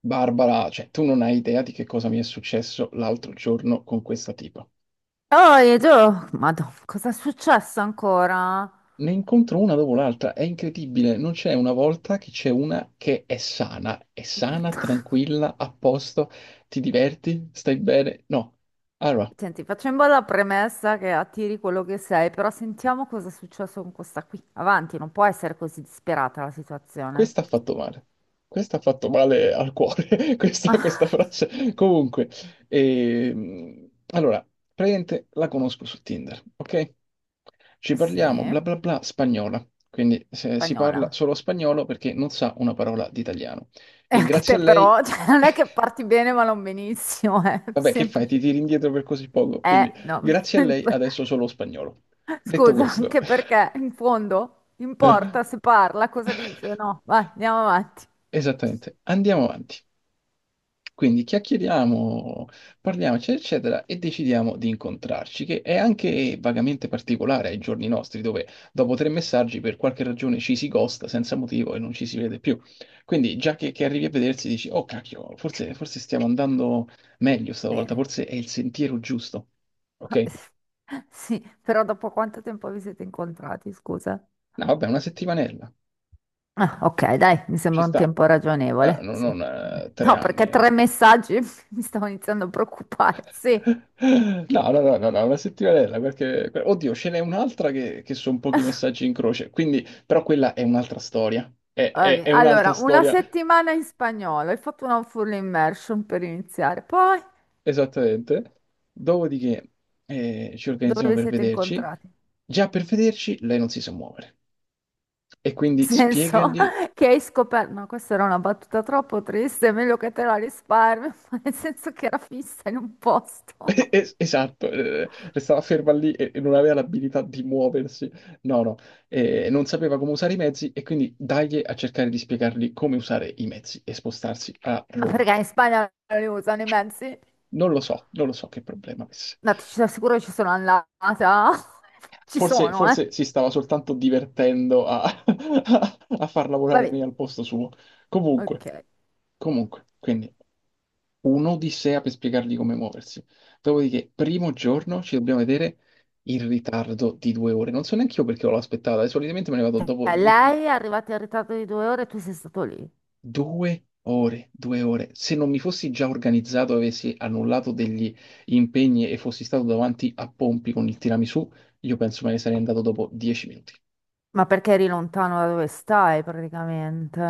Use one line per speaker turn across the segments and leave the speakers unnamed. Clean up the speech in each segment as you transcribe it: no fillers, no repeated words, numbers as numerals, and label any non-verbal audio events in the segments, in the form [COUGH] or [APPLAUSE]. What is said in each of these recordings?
Barbara, cioè tu non hai idea di che cosa mi è successo l'altro giorno con questa tipa.
Oh, Edo, Madonna, cosa è successo ancora?
Ne incontro una dopo l'altra, è incredibile, non c'è una volta che c'è una che è sana, tranquilla, a posto, ti diverti, stai bene. No. Allora,
Senti, facciamo la premessa che attiri quello che sei, però sentiamo cosa è successo con questa qui. Avanti, non può essere così disperata la situazione.
questa ha fatto male. Questa ha fatto male al cuore, [LAUGHS] questa
[LAUGHS]
frase. Comunque, allora, praticamente la conosco su Tinder, ok? Ci parliamo,
Sì,
bla bla bla, spagnola. Quindi si
spagnola.
parla solo spagnolo perché non sa una parola di italiano.
E
E
anche
grazie
te
a lei.
però, [LAUGHS] cioè, non è che parti bene
[LAUGHS]
ma non benissimo, è
Vabbè, che fai? Ti
semplice.
tiri indietro per così poco. Quindi,
No.
grazie a lei
[LAUGHS]
adesso solo spagnolo. Detto
Scusa,
questo.
anche perché in fondo importa se parla, cosa dice,
[LAUGHS]
no? Vai, andiamo avanti.
Esattamente, andiamo avanti. Quindi chiacchieriamo, parliamoci, eccetera, e decidiamo di incontrarci, che è anche vagamente particolare ai giorni nostri, dove dopo 3 messaggi per qualche ragione ci si ghosta senza motivo e non ci si vede più. Quindi già che, arrivi a vedersi dici, oh cacchio, forse, forse stiamo andando meglio stavolta,
Bene.
forse è il sentiero giusto. Ok?
[LAUGHS] Sì, però dopo quanto tempo vi siete incontrati, scusa?
No, vabbè, una settimanella,
Ah, ok, dai, mi
ci
sembra un
sta.
tempo
Eh,
ragionevole.
non,
Sì.
non,
Vabbè.
eh, tre
No,
anni.
perché tre messaggi [LAUGHS] mi stavo iniziando a preoccupare. Sì.
No, no, no, no, no, una settimanella, perché Oddio, ce n'è un'altra che, sono pochi messaggi in croce, quindi. Però quella è un'altra storia. È, è-
Vabbè,
è un'altra
allora, una
storia,
settimana in spagnolo, hai fatto una full immersion per iniziare. Poi,
esattamente. Dopodiché ci
dove
organizziamo
vi
per
siete
vederci.
incontrati?
Già per vederci lei non si sa muovere. E
Nel
quindi
senso
spiegagli.
[LAUGHS] che hai scoperto, ma questa era una battuta troppo triste, è meglio che te la risparmio, [LAUGHS] ma nel senso che era fissa in un
[LAUGHS]
posto. [LAUGHS]
Esatto. Restava ferma lì e non aveva l'abilità di muoversi, no, no. Non sapeva come usare i mezzi e quindi dagli a cercare di spiegargli come usare i mezzi e spostarsi a
Ma
Roma.
perché in Spagna non li usano i mezzi?
Non lo so, non lo so che problema avesse.
No, ti ci assicuro che ci sono andata. [LAUGHS] Ci
Forse,
sono, eh.
forse si stava soltanto divertendo a, [LAUGHS] a far lavorare
Vabbè,
me al posto suo. Comunque,
ok.
comunque, quindi, un'odissea per spiegargli come muoversi. Dopodiché, primo giorno ci dobbiamo vedere in ritardo di 2 ore. Non so neanche io perché l'ho aspettata, e solitamente me ne vado dopo dieci
Lei è
minuti.
arrivata in ritardo di 2 ore e tu sei stato lì.
2 ore, 2 ore. Se non mi fossi già organizzato, avessi annullato degli impegni e fossi stato davanti a Pompi con il tiramisù, io penso me ne sarei andato dopo 10 minuti.
Ma perché eri lontano da dove stai, praticamente?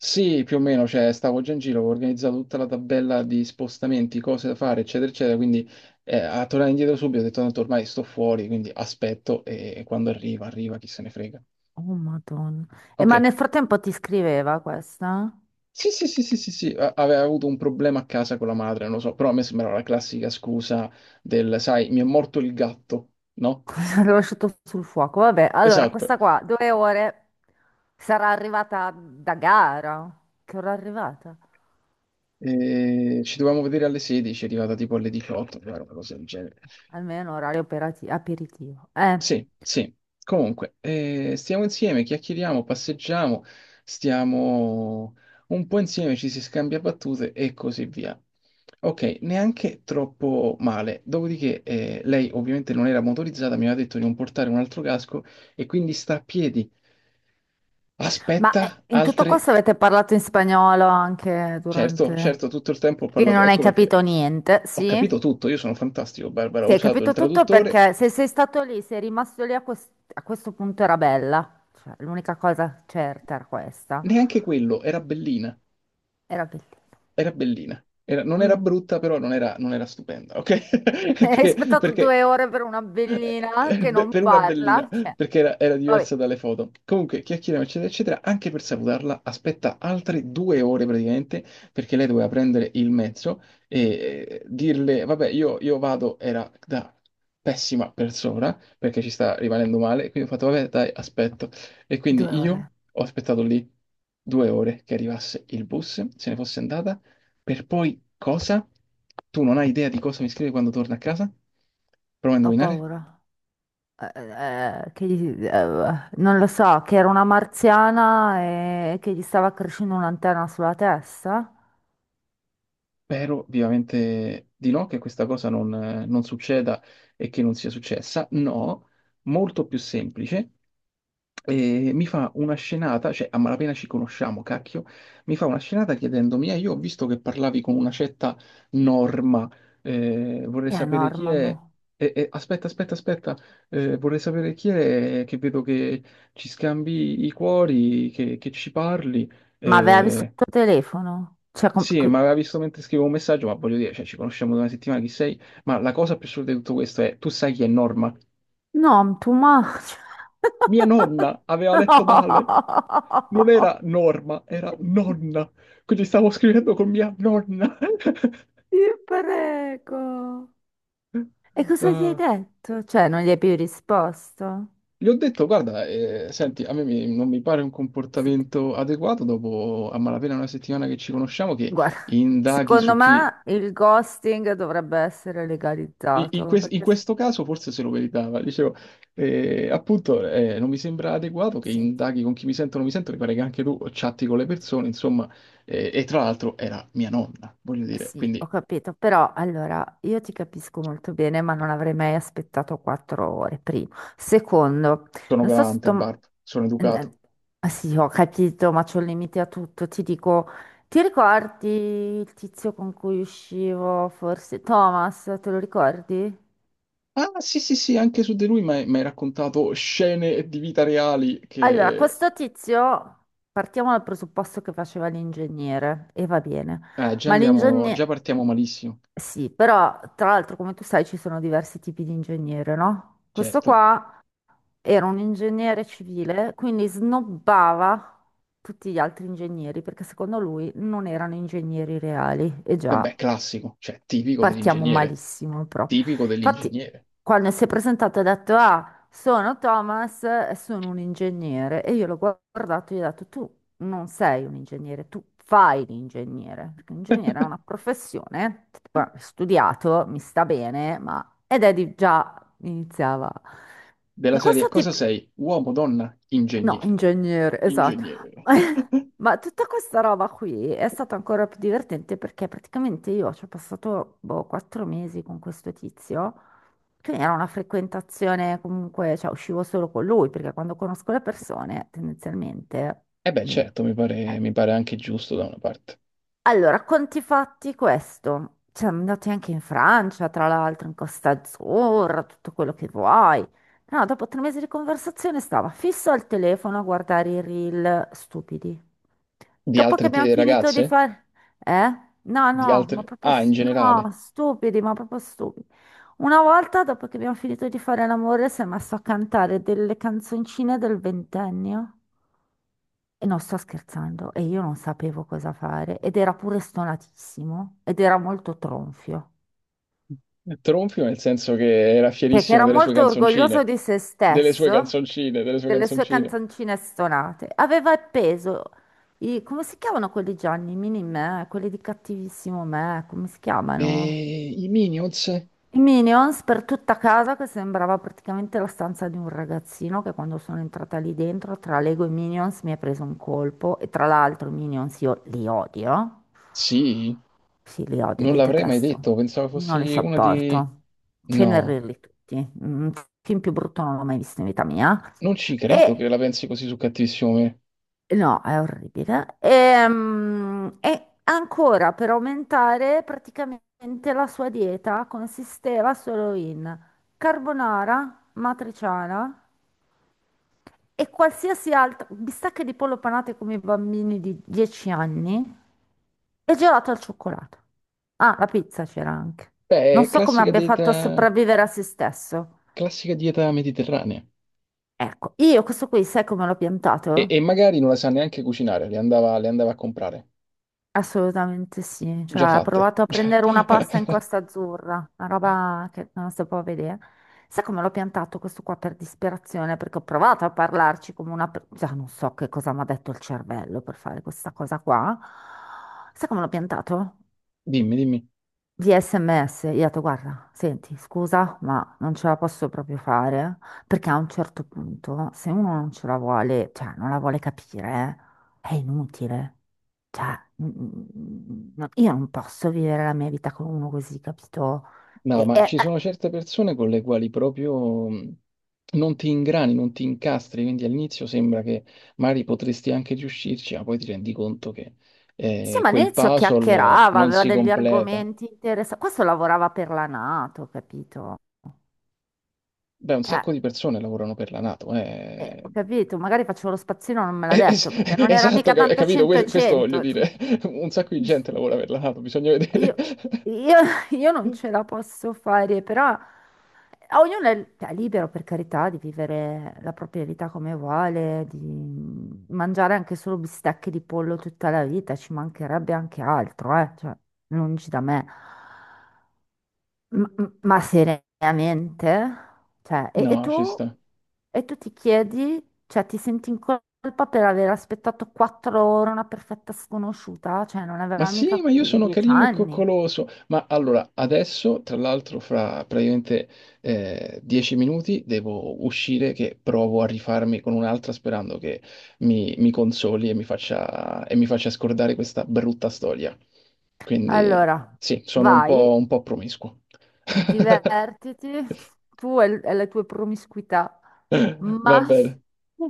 Sì, più o meno, cioè stavo già in giro, avevo organizzato tutta la tabella di spostamenti, cose da fare, eccetera, eccetera, quindi a tornare indietro subito ho detto tanto ormai sto fuori, quindi aspetto e quando arriva, arriva, chi se ne frega.
Oh, Madonna. E
Ok,
ma nel frattempo ti scriveva questa?
sì, sì, sì, sì, sì, sì, aveva avuto un problema a casa con la madre, non lo so, però a me sembrava la classica scusa del, sai, mi è morto il gatto, no?
Cosa l'ho lasciato sul fuoco? Vabbè, allora,
Esatto,
questa qua, 2 ore, sarà arrivata da gara. Che ora è arrivata?
e ci dovevamo vedere alle 16, è arrivata tipo alle 18, era una cosa del genere.
Almeno orario aperitivo.
Sì, sì. Comunque, stiamo insieme, chiacchieriamo, passeggiamo, stiamo un po' insieme, ci si scambia battute e così via. Ok, neanche troppo male. Dopodiché, lei ovviamente non era motorizzata, mi aveva detto di non portare un altro casco e quindi sta a piedi.
Ma
Aspetta,
in tutto
altre.
questo avete parlato in spagnolo anche
Certo,
durante.
certo, tutto il tempo ho
Quindi
parlato,
non hai
ecco perché
capito niente,
ho capito
sì?
tutto, io sono fantastico, Barbara, ho
Sì, hai
usato il
capito tutto
traduttore,
perché se sei stato lì, sei rimasto lì a questo punto era bella. Cioè, l'unica cosa certa era questa.
neanche quello, era bellina.
Era bellina.
Era bellina. Non era
Mm.
brutta, però non era, non era stupenda, ok?
[LAUGHS]
[LAUGHS]
Hai
Perché,
aspettato
perché
2 ore per una bellina che
beh,
non
per una bellina,
parla. Cioè,
perché era
vabbè,
diversa dalle foto. Comunque, chiacchieriamo, eccetera, eccetera. Anche per salutarla, aspetta altre 2 ore praticamente, perché lei doveva prendere il mezzo e dirle, vabbè, io vado, era da pessima persona, perché ci sta rimanendo male, quindi ho fatto, vabbè, dai, aspetto. E
due
quindi
ore.
io ho aspettato lì 2 ore che arrivasse il bus, se ne fosse andata per poi cosa? Tu non hai idea di cosa mi scrive quando torna a casa? Prova a
Ho
indovinare?
paura. Non lo so, che era una marziana e che gli stava crescendo un'antenna sulla testa?
Spero vivamente di no, che questa cosa non, non succeda e che non sia successa. No, molto più semplice. E mi fa una scenata, cioè a malapena ci conosciamo, cacchio, mi fa una scenata chiedendomi, io ho visto che parlavi con una certa Norma, vorrei
Chi è
sapere chi
Norma?
è.
Mo?
Aspetta, aspetta, aspetta. Vorrei sapere chi è, che vedo che ci scambi i cuori, che ci parli.
Ma aveva visto
Eh,
il tuo telefono? Cioè,
sì, ma aveva visto mentre scrivevo un messaggio, ma voglio dire, cioè, ci conosciamo da una settimana, chi sei? Ma la cosa più assurda di tutto questo è, tu sai chi è Norma?
no, tu ma.
Mia nonna
[LAUGHS]
aveva
No!
letto male. Non era norma, era nonna. Quindi stavo scrivendo con mia nonna. [LAUGHS]
Ti prego. E cosa gli hai
Ah,
detto? Cioè, non gli hai più risposto?
gli ho detto, guarda, senti, a me non mi pare un
Se-
comportamento adeguato dopo a malapena una settimana che ci conosciamo, che
Guarda,
indaghi
secondo
su chi.
me il ghosting dovrebbe essere legalizzato,
In
perché
questo caso forse se lo meritava. Dicevo, appunto, non mi sembra adeguato che
senti,
indaghi con chi mi sento o non mi sento, mi pare che anche tu chatti con le persone, insomma, e tra l'altro era mia nonna, voglio dire,
sì, ho
quindi
capito, però allora io ti capisco molto bene, ma non avrei mai aspettato 4 ore, primo. Secondo,
sono
non so se tu.
galante, Barb, sono educato.
eh, ah, sì, ho capito, ma c'ho il limite a tutto. Ti dico, ti ricordi il tizio con cui uscivo, forse Thomas, te lo ricordi?
Ah, sì, sì, sì, anche su di lui mi hai raccontato scene di vita reali
Allora,
che.
questo tizio, partiamo dal presupposto che faceva l'ingegnere, e va bene,
Già
ma
andiamo, già
l'ingegnere.
partiamo malissimo,
Sì, però tra l'altro come tu sai ci sono diversi tipi di ingegnere, no? Questo
certo.
qua era un ingegnere civile, quindi snobbava tutti gli altri ingegneri perché secondo lui non erano ingegneri reali. E già,
Vabbè, classico, cioè tipico
partiamo
dell'ingegnere,
malissimo proprio.
tipico
Infatti,
dell'ingegnere.
quando si è presentato ha detto, ah, sono Thomas e sono un ingegnere. E io l'ho guardato e gli ho detto, tu non sei un ingegnere, tu fai l'ingegnere. Perché l'ingegnere è una
[LAUGHS]
professione, guarda, ho studiato, mi sta bene. Ed Eddie già iniziava.
Della
Ma
serie
questo
cosa
tipo.
sei? Uomo, donna,
No,
ingegnere.
ingegnere, esatto.
Ingegnere. [LAUGHS]
[LAUGHS] Ma tutta questa roba qui è stata ancora più divertente perché praticamente io ci ho passato boh, 4 mesi con questo tizio, quindi era una frequentazione comunque, cioè uscivo solo con lui perché quando conosco le persone tendenzialmente.
E beh,
mm,
certo,
eh,
mi pare anche giusto da una parte.
allora, conti fatti questo. Cioè, andati anche in Francia, tra l'altro, in Costa Azzurra, tutto quello che vuoi. No, dopo 3 mesi di conversazione stava fisso al telefono a guardare i reel stupidi.
Di
Dopo che
altre
abbiamo finito di
ragazze?
fare. Eh? No,
Di
no, ma
altre.
proprio...
Ah, in
s- No,
generale.
stupidi, ma proprio stupidi. Una volta, dopo che abbiamo finito di fare l'amore, si è messo a cantare delle canzoncine del ventennio. E non sto scherzando, e io non sapevo cosa fare, ed era pure stonatissimo, ed era molto tronfio,
Tronfio nel senso che era
perché
fierissimo
era
delle sue
molto orgoglioso
canzoncine.
di se
Delle sue
stesso,
canzoncine, delle sue
delle sue
canzoncine.
canzoncine stonate. Aveva appeso i, come si chiamano quelli Gianni, mini me, quelli di Cattivissimo Me, come si chiamano?
E i Minions?
I Minions per tutta casa che sembrava praticamente la stanza di un ragazzino che quando sono entrata lì dentro tra Lego e Minions mi ha preso un colpo e tra l'altro i Minions io li odio.
Sì,
Sì, li odio,
non
li
l'avrei mai
detesto.
detto. Pensavo
Non li
fossi una di.
sopporto.
No,
Cenerirli tutti. Un film più brutto non l'ho mai visto in vita mia.
non ci credo che
E
la pensi così su Cattivissimo Me.
No, è orribile. Ancora per aumentare, praticamente la sua dieta consisteva solo in carbonara, matriciana e qualsiasi altra bistecche di pollo panate come i bambini di 10 anni e gelato al cioccolato. Ah, la pizza c'era anche.
Beh,
Non
è
so come
classica
abbia
dei,
fatto a sopravvivere a se stesso.
classica dieta mediterranea.
Ecco, io questo qui, sai come l'ho
E,
piantato?
e magari non la sa neanche cucinare, le andava a comprare,
Assolutamente sì, cioè
già
ha
fatte.
provato a
[LAUGHS] Cioè,
prendere una pasta in Costa Azzurra, una roba che non si può vedere. Sai come l'ho piantato questo qua per disperazione? Perché ho provato a parlarci come una. Già non so che cosa mi ha detto il cervello per fare questa cosa qua. Sai come l'ho piantato?
dimmi, dimmi.
Via SMS, io ho detto, guarda, senti, scusa, ma non ce la posso proprio fare, perché a un certo punto, se uno non ce la vuole, cioè non la vuole capire, è inutile. Cioè, no, io non posso vivere la mia vita con uno così, capito?
No,
E,
ma
e-
ci
eh,
sono certe persone con le quali proprio non ti ingrani, non ti incastri, quindi all'inizio sembra che magari potresti anche riuscirci, ma poi ti rendi conto che
sì, ma
quel
all'inizio
puzzle
chiacchierava,
non
aveva
si
degli
completa.
argomenti interessanti. Questo lavorava per la NATO, capito?
Beh, un
Cioè,
sacco di persone lavorano per la NATO, eh.
ho capito, magari facevo lo spazzino, non me l'ha
Es-
detto, perché non era
esatto,
mica tanto
capito?
100 e
Questo voglio
100.
dire. Un sacco di gente lavora per la NATO, bisogna vedere.
Io, io- [LAUGHS] io non ce la posso fare, però a ognuno è libero per carità di vivere la propria vita come vuole, di mangiare anche solo bistecche di pollo tutta la vita, ci mancherebbe anche altro, cioè, lungi da me. Ma seriamente? Cioè, e
No, ci
tu?
sta.
E tu ti chiedi, cioè ti senti in colpa per aver aspettato 4 ore una perfetta sconosciuta? Cioè, non
Ma
aveva
sì,
mica
ma io sono
dieci
carino e
anni.
coccoloso. Ma allora, adesso, tra l'altro, fra praticamente 10 minuti devo uscire che provo a rifarmi con un'altra sperando che mi consoli e mi faccia scordare questa brutta storia. Quindi
Allora,
sì, sono
vai,
un po' promiscuo. [LAUGHS]
divertiti, tu e le tue promiscuità,
Va
ma
bene.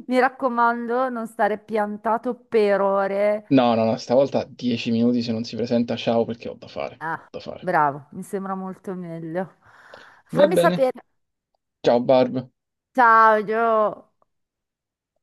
mi raccomando, non stare piantato per ore.
No, no, no, stavolta 10 minuti se non si presenta, ciao perché ho da fare, ho
Ah,
da fare.
bravo, mi sembra molto meglio.
Va
Fammi
bene.
sapere.
Ciao Barb.
Ciao, Gio.